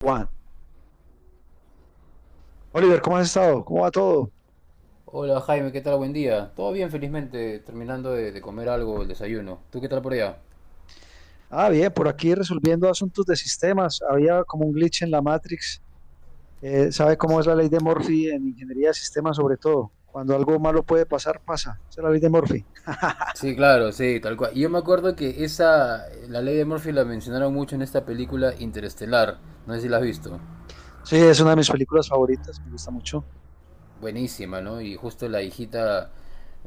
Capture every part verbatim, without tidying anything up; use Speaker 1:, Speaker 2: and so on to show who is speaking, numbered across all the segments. Speaker 1: Juan. Oliver, ¿cómo has estado? ¿Cómo va todo?
Speaker 2: Hola Jaime, ¿qué tal? Buen día. Todo bien, felizmente, terminando de, de comer algo, el desayuno. ¿Tú qué tal por allá?
Speaker 1: Ah, bien, por aquí resolviendo asuntos de sistemas. Había como un glitch en la Matrix. Eh, ¿sabe cómo es la ley de Murphy en ingeniería de sistemas, sobre todo? Cuando algo malo puede pasar, pasa. Esa es la ley de Murphy.
Speaker 2: Sí, claro, sí, tal cual. Y yo me acuerdo que esa, la ley de Murphy la mencionaron mucho en esta película Interestelar. No sé si la has visto.
Speaker 1: Sí, es una de mis películas favoritas, me gusta mucho.
Speaker 2: Buenísima, ¿no? Y justo la hijita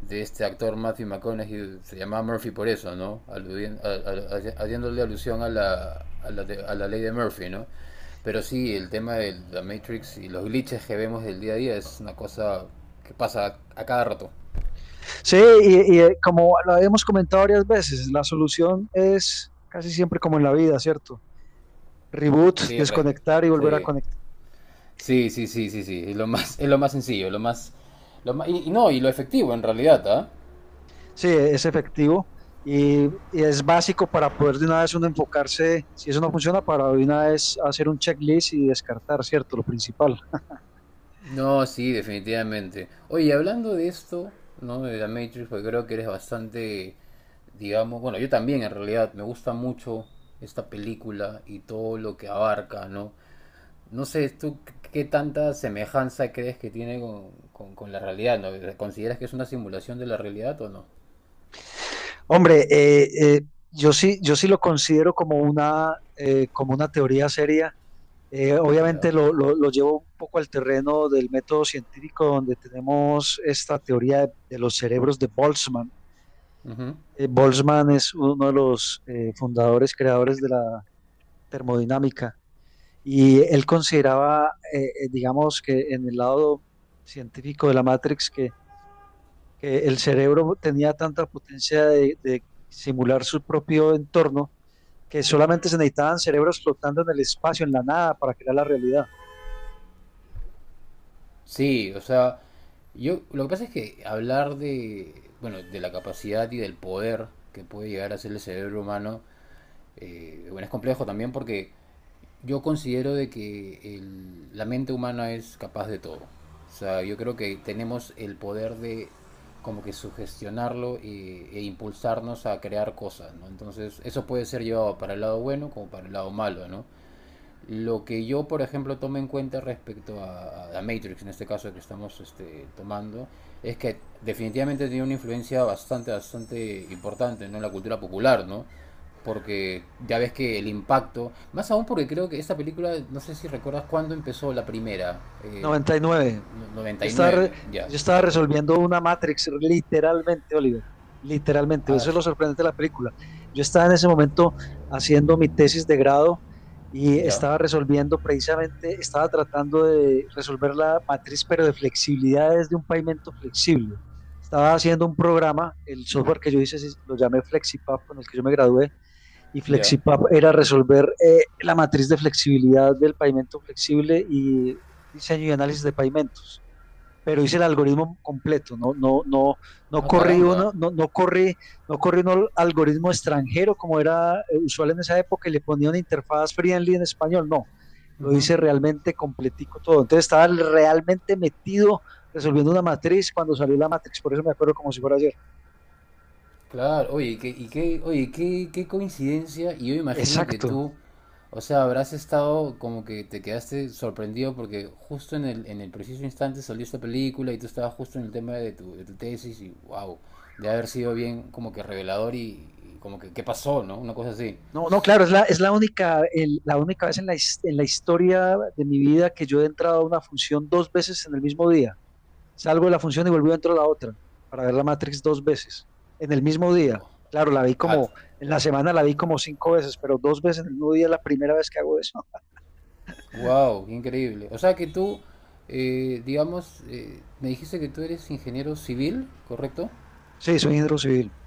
Speaker 2: de este actor Matthew McConaughey se llamaba Murphy por eso, ¿no? Aludien- a- a- a- haciéndole alusión a la, a, la de- a la ley de Murphy, ¿no? Pero sí, el tema de la Matrix y los glitches que vemos del día a día es una cosa que pasa a cada rato.
Speaker 1: Sí, y, y, eh, como lo hemos comentado varias veces, la solución es casi siempre como en la vida, ¿cierto? Reboot,
Speaker 2: Sí, re-
Speaker 1: desconectar y volver a
Speaker 2: sí.
Speaker 1: conectar.
Speaker 2: Sí, sí, sí, sí, sí. Es lo más, es lo más sencillo, lo más, lo más- y, y no, y lo efectivo en realidad, ¿ah?
Speaker 1: Sí, es efectivo y, y es básico para poder de una vez uno enfocarse, si eso no funciona, para de una vez hacer un checklist y descartar, ¿cierto? Lo principal.
Speaker 2: No, sí, definitivamente. Oye, y hablando de esto, ¿no? De la Matrix, porque creo que eres bastante, digamos, bueno, yo también en realidad me gusta mucho esta película y todo lo que abarca, ¿no? No sé, ¿tú qué qué tanta semejanza crees que tiene con, con- con la realidad, ¿no? ¿Consideras que es una simulación de la realidad o no?
Speaker 1: Hombre, eh, eh, yo sí, yo sí lo considero como una, eh, como una teoría seria. Eh,
Speaker 2: Ya.
Speaker 1: obviamente lo, lo- lo llevo un poco al terreno del método científico, donde tenemos esta teoría de, de los cerebros de Boltzmann.
Speaker 2: Ujú.
Speaker 1: Eh, Boltzmann es uno de los eh, fundadores, creadores de la termodinámica. Y él consideraba, eh, eh, digamos, que en el lado científico de la Matrix, que, que el cerebro tenía tanta potencia de, de simular su propio entorno, que solamente se necesitaban cerebros flotando en el espacio, en la nada, para crear la realidad.
Speaker 2: Sí, o sea, yo lo que pasa es que hablar de, bueno, de la capacidad y del poder que puede llegar a ser el cerebro humano. Eh, bueno, es complejo también porque yo considero de que el- la mente humana es capaz de todo. O sea, yo creo que tenemos el poder de como que sugestionarlo e, e impulsarnos a crear cosas, ¿no? Entonces, eso puede ser llevado para el lado bueno como para el lado malo, ¿no? Lo que yo, por ejemplo, tomo en cuenta respecto a, a Matrix, en este caso que estamos este, tomando, es que definitivamente tiene una influencia bastante, bastante importante, ¿no? En la cultura popular, ¿no? Porque ya ves que el impacto, más aún porque creo que esta película, no sé si recuerdas cuándo empezó la primera, eh,
Speaker 1: Noventa y nueve.
Speaker 2: no, noventa
Speaker 1: Yo
Speaker 2: y
Speaker 1: estaba, re-
Speaker 2: nueve ya.
Speaker 1: yo estaba resolviendo una Matrix, literalmente, Oliver, literalmente.
Speaker 2: Ah,
Speaker 1: Eso es lo sorprendente de la película. Yo estaba en ese momento haciendo mi tesis de grado y
Speaker 2: ya,
Speaker 1: estaba resolviendo precisamente, estaba tratando de resolver la matriz, pero de flexibilidades de un pavimento flexible. Estaba haciendo un programa, el software que yo hice, sí, lo llamé FlexiPap, con el que yo me gradué, y
Speaker 2: ya.
Speaker 1: FlexiPap era resolver, eh, la matriz de flexibilidad del pavimento flexible y diseño y análisis de pavimentos, pero hice el algoritmo completo, no, no, no, no
Speaker 2: Ah,
Speaker 1: corrí
Speaker 2: caramba.
Speaker 1: uno, no, no corrí, no corrí un algoritmo extranjero, como era, eh, usual en esa época, y le ponía una interfaz friendly en español, no, lo
Speaker 2: Ujú.
Speaker 1: hice realmente completico todo, entonces estaba realmente metido resolviendo una matriz cuando salió la matriz, por eso me acuerdo como si fuera ayer.
Speaker 2: Claro, oye, qué, y qué, oye, qué, qué coincidencia, y yo imagino que
Speaker 1: Exacto.
Speaker 2: tú, o sea, habrás estado como que te quedaste sorprendido porque justo en el, en el preciso instante salió esta película y tú estabas justo en el tema de tu, de tu tesis y wow, de haber sido bien como que revelador y, y como que qué pasó, ¿no? Una cosa así.
Speaker 1: No, no, claro, es la, es la única, el- la única vez en la, his- en la historia de mi vida que yo he entrado a una función dos veces en el mismo día. Salgo de la función y volví dentro de la otra para ver la Matrix dos veces en el mismo día.
Speaker 2: Wow,
Speaker 1: Claro, la vi
Speaker 2: ah,
Speaker 1: como, en la semana la vi como cinco veces, pero dos veces en el mismo día es la primera vez que hago eso.
Speaker 2: wow, qué increíble. O sea que tú, eh, digamos, eh, me dijiste que tú eres ingeniero civil, ¿correcto?
Speaker 1: Sí, soy ingeniero civil.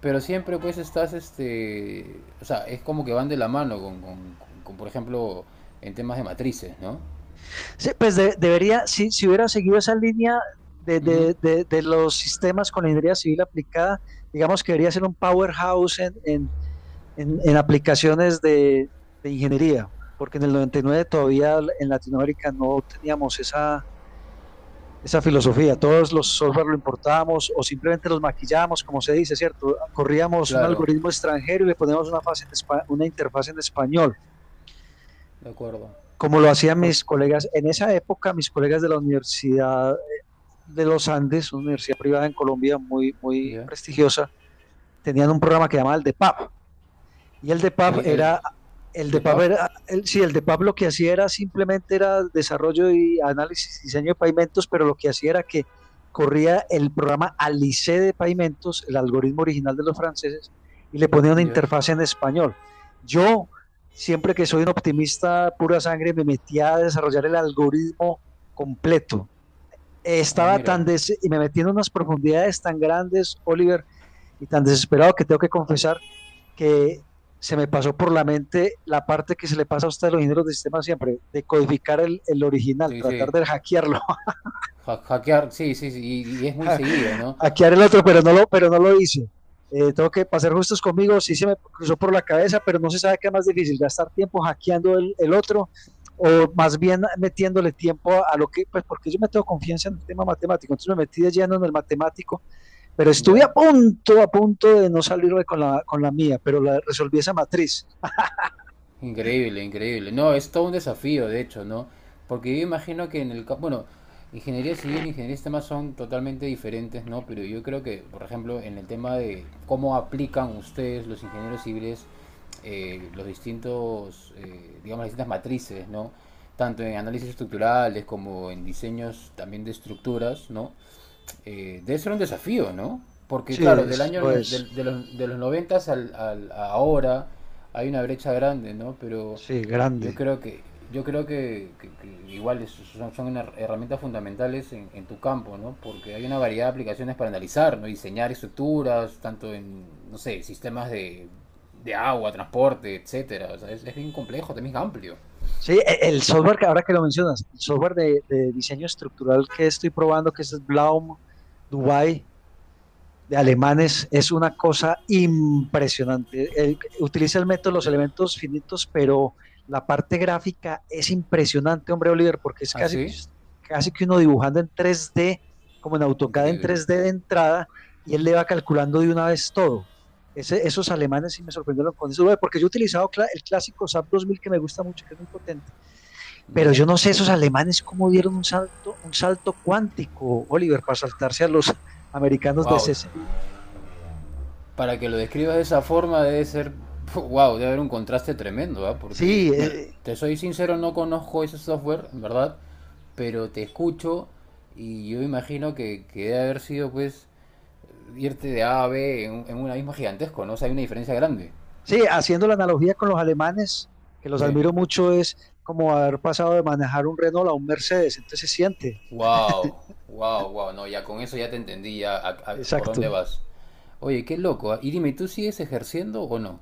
Speaker 2: Pero siempre pues estás, este, o sea, es como que van de la mano con, con- con- con, por ejemplo, en temas de matrices, ¿no?
Speaker 1: Sí, pues de- debería, si, si hubiera seguido esa línea de,
Speaker 2: Ujú.
Speaker 1: de- de- de los sistemas con la ingeniería civil aplicada, digamos que debería ser un powerhouse en, en- en- en aplicaciones de, de ingeniería, porque en el noventa y nueve todavía en Latinoamérica no teníamos esa esa filosofía. Todos los software lo importábamos o simplemente los maquillábamos, como se dice, ¿cierto? Corríamos un
Speaker 2: Claro,
Speaker 1: algoritmo extranjero y le poníamos una, fase en espa- una interfaz en español,
Speaker 2: de acuerdo.
Speaker 1: como lo hacían
Speaker 2: Por,
Speaker 1: mis colegas. En esa época, mis colegas de la Universidad de los Andes, una universidad privada en Colombia muy, muy
Speaker 2: ya.
Speaker 1: prestigiosa, tenían un programa que llamaban el D E P A P. Y el de
Speaker 2: El,
Speaker 1: Pub
Speaker 2: el,
Speaker 1: era, el
Speaker 2: ¿De
Speaker 1: de Pub
Speaker 2: P A F?
Speaker 1: era, el- sí, el de Pub lo que hacía era simplemente era desarrollo y análisis y diseño de pavimentos, pero lo que hacía era que corría el programa Alice de pavimentos, el algoritmo original de los franceses, y le ponía una
Speaker 2: Ya.
Speaker 1: interfaz en español. Yo, siempre que soy un optimista pura sangre, me metía a desarrollar el algoritmo completo.
Speaker 2: Ah,
Speaker 1: Estaba tan
Speaker 2: mira.
Speaker 1: des- y me metí en unas profundidades tan grandes, Oliver, y tan desesperado, que tengo que confesar que se me pasó por la mente la parte que se le pasa a usted a los ingenieros de sistema siempre, de codificar el, el original, tratar
Speaker 2: Dice,
Speaker 1: de hackearlo,
Speaker 2: ha- hackear, sí, sí, sí, y, y es muy seguido, ¿no?
Speaker 1: hackear el otro, pero no lo, pero no lo hice. Eh, tengo que pasar justos conmigo, sí se me cruzó por la cabeza, pero no se sabe qué es más difícil, gastar tiempo hackeando el, el otro o más bien metiéndole tiempo a, a, lo que, pues porque yo me tengo confianza en el tema matemático, entonces me metí de lleno en el matemático, pero estuve
Speaker 2: Ya.
Speaker 1: a punto, a punto de no salirme con la, con la mía, pero la, resolví esa matriz.
Speaker 2: Increíble, increíble. No, es todo un desafío, de hecho, ¿no? Porque yo imagino que en el campo, bueno, ingeniería civil e ingeniería de sistemas son totalmente diferentes, ¿no? Pero yo creo que, por ejemplo, en el tema de cómo aplican ustedes, los ingenieros civiles, eh, los distintos, eh, digamos, las distintas matrices, ¿no? Tanto en análisis estructurales como en diseños también de estructuras, ¿no? Eh, debe ser un desafío, ¿no? Porque
Speaker 1: Sí,
Speaker 2: claro, del
Speaker 1: es-
Speaker 2: año
Speaker 1: lo
Speaker 2: no-
Speaker 1: es.
Speaker 2: del- de, los, de los noventas al, al- a ahora hay una brecha grande, ¿no? Pero
Speaker 1: Sí,
Speaker 2: yo
Speaker 1: grande.
Speaker 2: creo que yo creo que, que- que igual es- son, son una- herramientas fundamentales en, en tu campo, ¿no? Porque hay una variedad de aplicaciones para analizar, ¿no? Diseñar estructuras, tanto en, no sé, sistemas de, de agua, transporte, etcétera. O sea, es, es bien complejo, también es amplio.
Speaker 1: Sí, e- el software, que ahora que lo mencionas, el software de, de diseño estructural que estoy probando, que es el Blaum Dubai, de alemanes, es una cosa impresionante. Él utiliza el método de los elementos finitos, pero la parte gráfica es impresionante, hombre Oliver, porque es
Speaker 2: Ah,
Speaker 1: casi,
Speaker 2: sí.
Speaker 1: casi que uno dibujando en tres D, como en AutoCAD en
Speaker 2: Increíble.
Speaker 1: tres D de entrada, y él le va calculando de una vez todo. Ese, esos alemanes sí me sorprendieron con eso, porque yo he utilizado, cl el clásico SAP dos mil, que me gusta mucho, que es muy potente, pero
Speaker 2: Ya.
Speaker 1: yo no sé esos alemanes cómo dieron un salto, un salto cuántico, Oliver, para saltarse a los americanos de
Speaker 2: Wow,
Speaker 1: C C.
Speaker 2: para que lo describas de esa forma debe ser, wow, debe haber un contraste tremendo, ¿ah?
Speaker 1: Sí,
Speaker 2: Porque, bueno,
Speaker 1: eh,
Speaker 2: te soy sincero, no conozco ese software, en verdad, pero te escucho y yo imagino que, que debe haber sido, pues, irte de A a B en, en una misma gigantesco, ¿no? O sea, hay una diferencia grande.
Speaker 1: sí, haciendo la analogía con los alemanes, que los
Speaker 2: Sí.
Speaker 1: admiro mucho, es como haber pasado de manejar un Renault a un Mercedes, entonces se siente,
Speaker 2: Wow, wow, wow, no, ya con eso ya te entendí, ya a- a- por dónde
Speaker 1: exacto.
Speaker 2: vas. Oye, qué loco, ¿ah? Y dime, ¿tú sigues ejerciendo o no?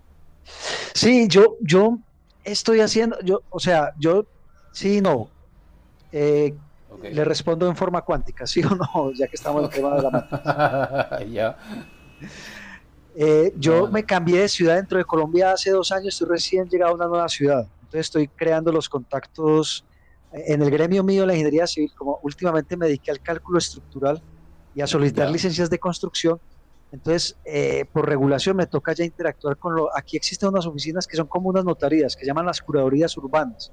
Speaker 1: Sí, yo, yo estoy haciendo, yo, o sea, yo, sí, y no, eh,
Speaker 2: Ok.
Speaker 1: le respondo en forma cuántica, sí o no, ya que estamos en
Speaker 2: Ok.
Speaker 1: tema de la matriz.
Speaker 2: Ya.
Speaker 1: Eh, yo
Speaker 2: No, no.
Speaker 1: me cambié de ciudad dentro de Colombia hace dos años, estoy recién llegado a una nueva ciudad, entonces estoy creando los contactos, eh, en el gremio mío de la ingeniería civil, como últimamente me dediqué al cálculo estructural y a solicitar
Speaker 2: Ya,
Speaker 1: licencias de construcción, entonces, eh, por regulación me toca ya interactuar con lo, aquí existen unas oficinas que son como unas notarías, que llaman las curadorías urbanas,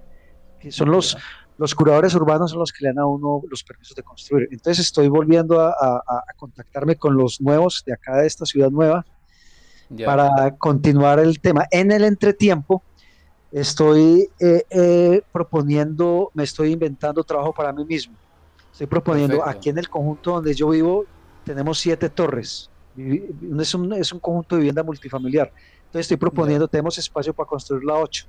Speaker 1: que son los,
Speaker 2: ya,
Speaker 1: los curadores urbanos, son los que le dan a uno los permisos de construir, entonces estoy volviendo a, a, a contactarme con los nuevos de acá, de esta ciudad nueva,
Speaker 2: ya.
Speaker 1: para continuar el tema. En el entretiempo estoy, eh, eh, proponiendo, me estoy inventando trabajo para mí mismo. Estoy proponiendo
Speaker 2: Perfecto,
Speaker 1: aquí en el conjunto donde yo vivo, tenemos siete torres. Vivi- Es un, es un conjunto de vivienda multifamiliar. Entonces estoy
Speaker 2: ya.
Speaker 1: proponiendo, tenemos espacio para construir la ocho.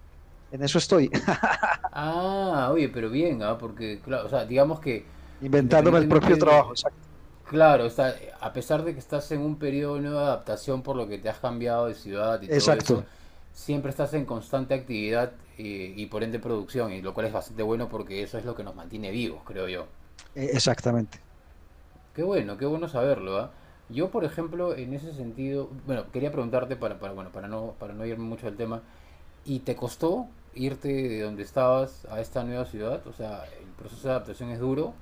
Speaker 1: En eso estoy,
Speaker 2: Ah, oye, pero bien, ah, porque, claro, o sea, digamos que
Speaker 1: inventándome el
Speaker 2: independientemente
Speaker 1: propio trabajo.
Speaker 2: de-
Speaker 1: Exacto,
Speaker 2: Claro, o sea, a pesar de que estás en un periodo de nueva adaptación por lo que te has cambiado de ciudad y todo eso,
Speaker 1: exacto,
Speaker 2: siempre estás en constante actividad eh, y por ende producción, y lo cual es bastante bueno porque eso es lo que nos mantiene vivos, creo yo.
Speaker 1: eh, exactamente.
Speaker 2: Qué bueno, qué bueno saberlo, ¿ah? Yo, por ejemplo, en ese sentido, bueno, quería preguntarte para, para, bueno, para no, para no irme mucho del tema, ¿y te costó irte de donde estabas a esta nueva ciudad? O sea, el proceso de adaptación es duro.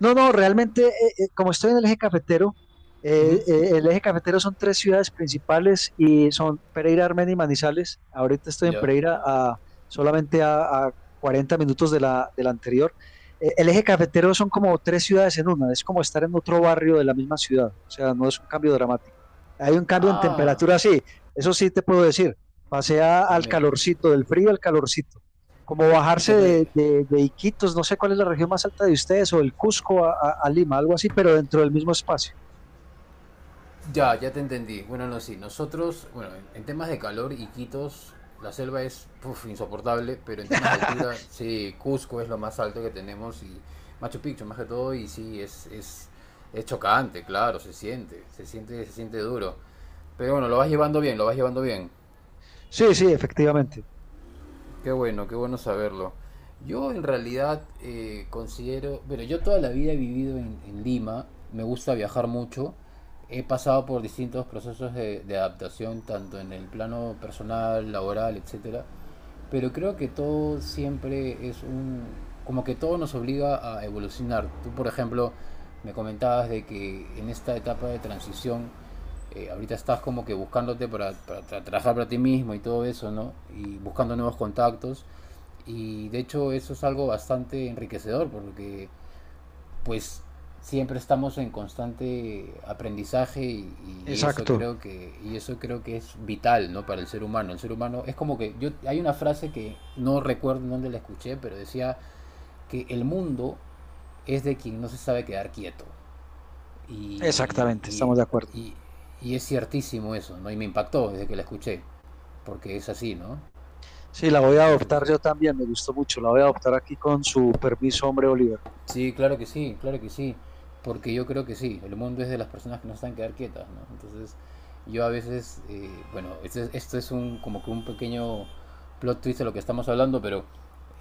Speaker 1: No, no, realmente, eh, eh, como estoy en el eje cafetero, eh,
Speaker 2: Ujú.
Speaker 1: eh, el eje cafetero son tres ciudades principales, y son Pereira, Armenia y Manizales. Ahorita estoy en
Speaker 2: Ya.
Speaker 1: Pereira a, solamente a, a cuarenta minutos de la, de la anterior. Eh, el eje cafetero son como tres ciudades en una, es como estar en otro barrio de la misma ciudad, o sea, no es un cambio dramático. Hay un cambio en
Speaker 2: Ah,
Speaker 1: temperatura, sí, eso sí te puedo decir. Pasé a-
Speaker 2: ah,
Speaker 1: al
Speaker 2: mira.
Speaker 1: calorcito, del frío al calorcito, como
Speaker 2: ¿Y
Speaker 1: bajarse
Speaker 2: qué
Speaker 1: de,
Speaker 2: pre...
Speaker 1: de, de Iquitos, no sé cuál es la región más alta de ustedes, o del Cusco a, a- a Lima, algo así, pero dentro del mismo espacio.
Speaker 2: Ya, ya te entendí. Bueno, no, sí. Nosotros, bueno, en, en temas de calor, Iquitos, la selva es puf, insoportable, pero en temas de altura, sí, Cusco es lo más alto que tenemos y Machu Picchu más que todo, y sí, es, es, es chocante, claro, se siente, se siente, se siente duro. Pero bueno, lo vas llevando bien, lo vas llevando bien.
Speaker 1: Sí, sí, efectivamente.
Speaker 2: Qué bueno, qué bueno saberlo. Yo en realidad eh, considero, pero yo toda la vida he vivido en, en Lima, me gusta viajar mucho, he pasado por distintos procesos de, de adaptación, tanto en el plano personal, laboral, etcétera, pero creo que todo siempre es un, como que todo nos obliga a evolucionar. Tú, por ejemplo, me comentabas de que en esta etapa de transición eh, ahorita estás como que buscándote para, para tra- trabajar para ti mismo y todo eso, ¿no? Y buscando nuevos contactos. Y de hecho eso es algo bastante enriquecedor porque pues siempre estamos en constante aprendizaje y, y eso
Speaker 1: Exacto,
Speaker 2: creo que y eso creo que es vital, no, para el ser humano. El ser humano es como que yo, hay una frase que no recuerdo dónde la escuché, pero decía que el mundo es de quien no se sabe quedar quieto y,
Speaker 1: exactamente,
Speaker 2: y,
Speaker 1: estamos de acuerdo.
Speaker 2: y, y es ciertísimo eso, ¿no? Y me impactó desde que la escuché, porque es así, ¿no? O
Speaker 1: Sí, la
Speaker 2: sea,
Speaker 1: voy
Speaker 2: yo
Speaker 1: a
Speaker 2: pienso que
Speaker 1: adoptar
Speaker 2: sí.
Speaker 1: yo también, me gustó mucho, la voy a adoptar aquí con su permiso, hombre Oliver.
Speaker 2: Sí, claro que sí, claro que sí, porque yo creo que sí, el mundo es de las personas que no están quedar quietas, ¿no? Entonces, yo a veces, eh, bueno, esto es, esto es un, como que un pequeño plot twist de lo que estamos hablando, pero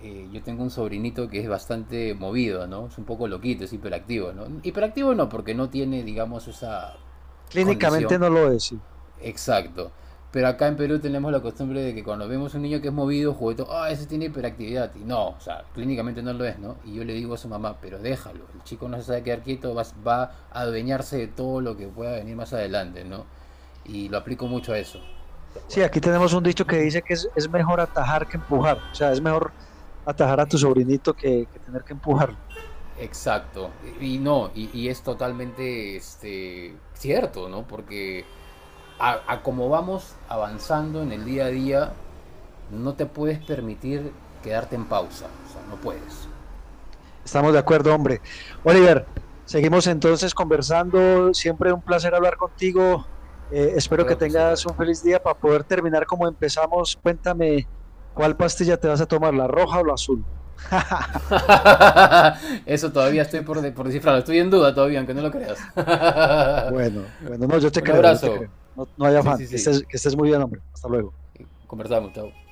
Speaker 2: eh, yo tengo un sobrinito que es bastante movido, ¿no? Es un poco loquito, es hiperactivo, ¿no? Hiperactivo no, porque no tiene, digamos, esa condición.
Speaker 1: Clínicamente no lo es, sí.
Speaker 2: Exacto. Pero acá en Perú tenemos la costumbre de que cuando vemos un niño que es movido, juguetón, ah, ese tiene hiperactividad. Y no, o sea, clínicamente no lo es, ¿no? Y yo le digo a su mamá, pero déjalo, el chico no se sabe quedar quieto, va, va a adueñarse de todo lo que pueda venir más adelante, ¿no? Y lo aplico mucho a eso. Tal
Speaker 1: Sí,
Speaker 2: cual.
Speaker 1: aquí tenemos un dicho que dice que es, es mejor atajar que empujar, o sea, es mejor atajar a tu sobrinito que, que tener que empujarlo.
Speaker 2: Exacto. Y, y no, y, y es totalmente este, cierto, ¿no? Porque a, a como vamos avanzando en el día a día, no te puedes permitir quedarte en pausa, o sea, no puedes.
Speaker 1: Estamos de acuerdo, hombre. Oliver, seguimos entonces conversando. Siempre un placer hablar contigo. Eh, espero que
Speaker 2: Claro que sí, Javi.
Speaker 1: tengas un feliz día, para poder terminar como empezamos. Cuéntame, ¿cuál pastilla te vas a tomar, la roja o la azul?
Speaker 2: Eso todavía estoy por, de- por descifrarlo. Estoy en duda todavía, aunque no lo creas.
Speaker 1: Bueno, bueno, no, yo te
Speaker 2: Un
Speaker 1: creo, yo te
Speaker 2: abrazo.
Speaker 1: creo. No, no hay
Speaker 2: Sí,
Speaker 1: afán.
Speaker 2: sí,
Speaker 1: Que
Speaker 2: sí.
Speaker 1: estés, que estés muy bien, hombre. Hasta luego.
Speaker 2: Conversamos, chao.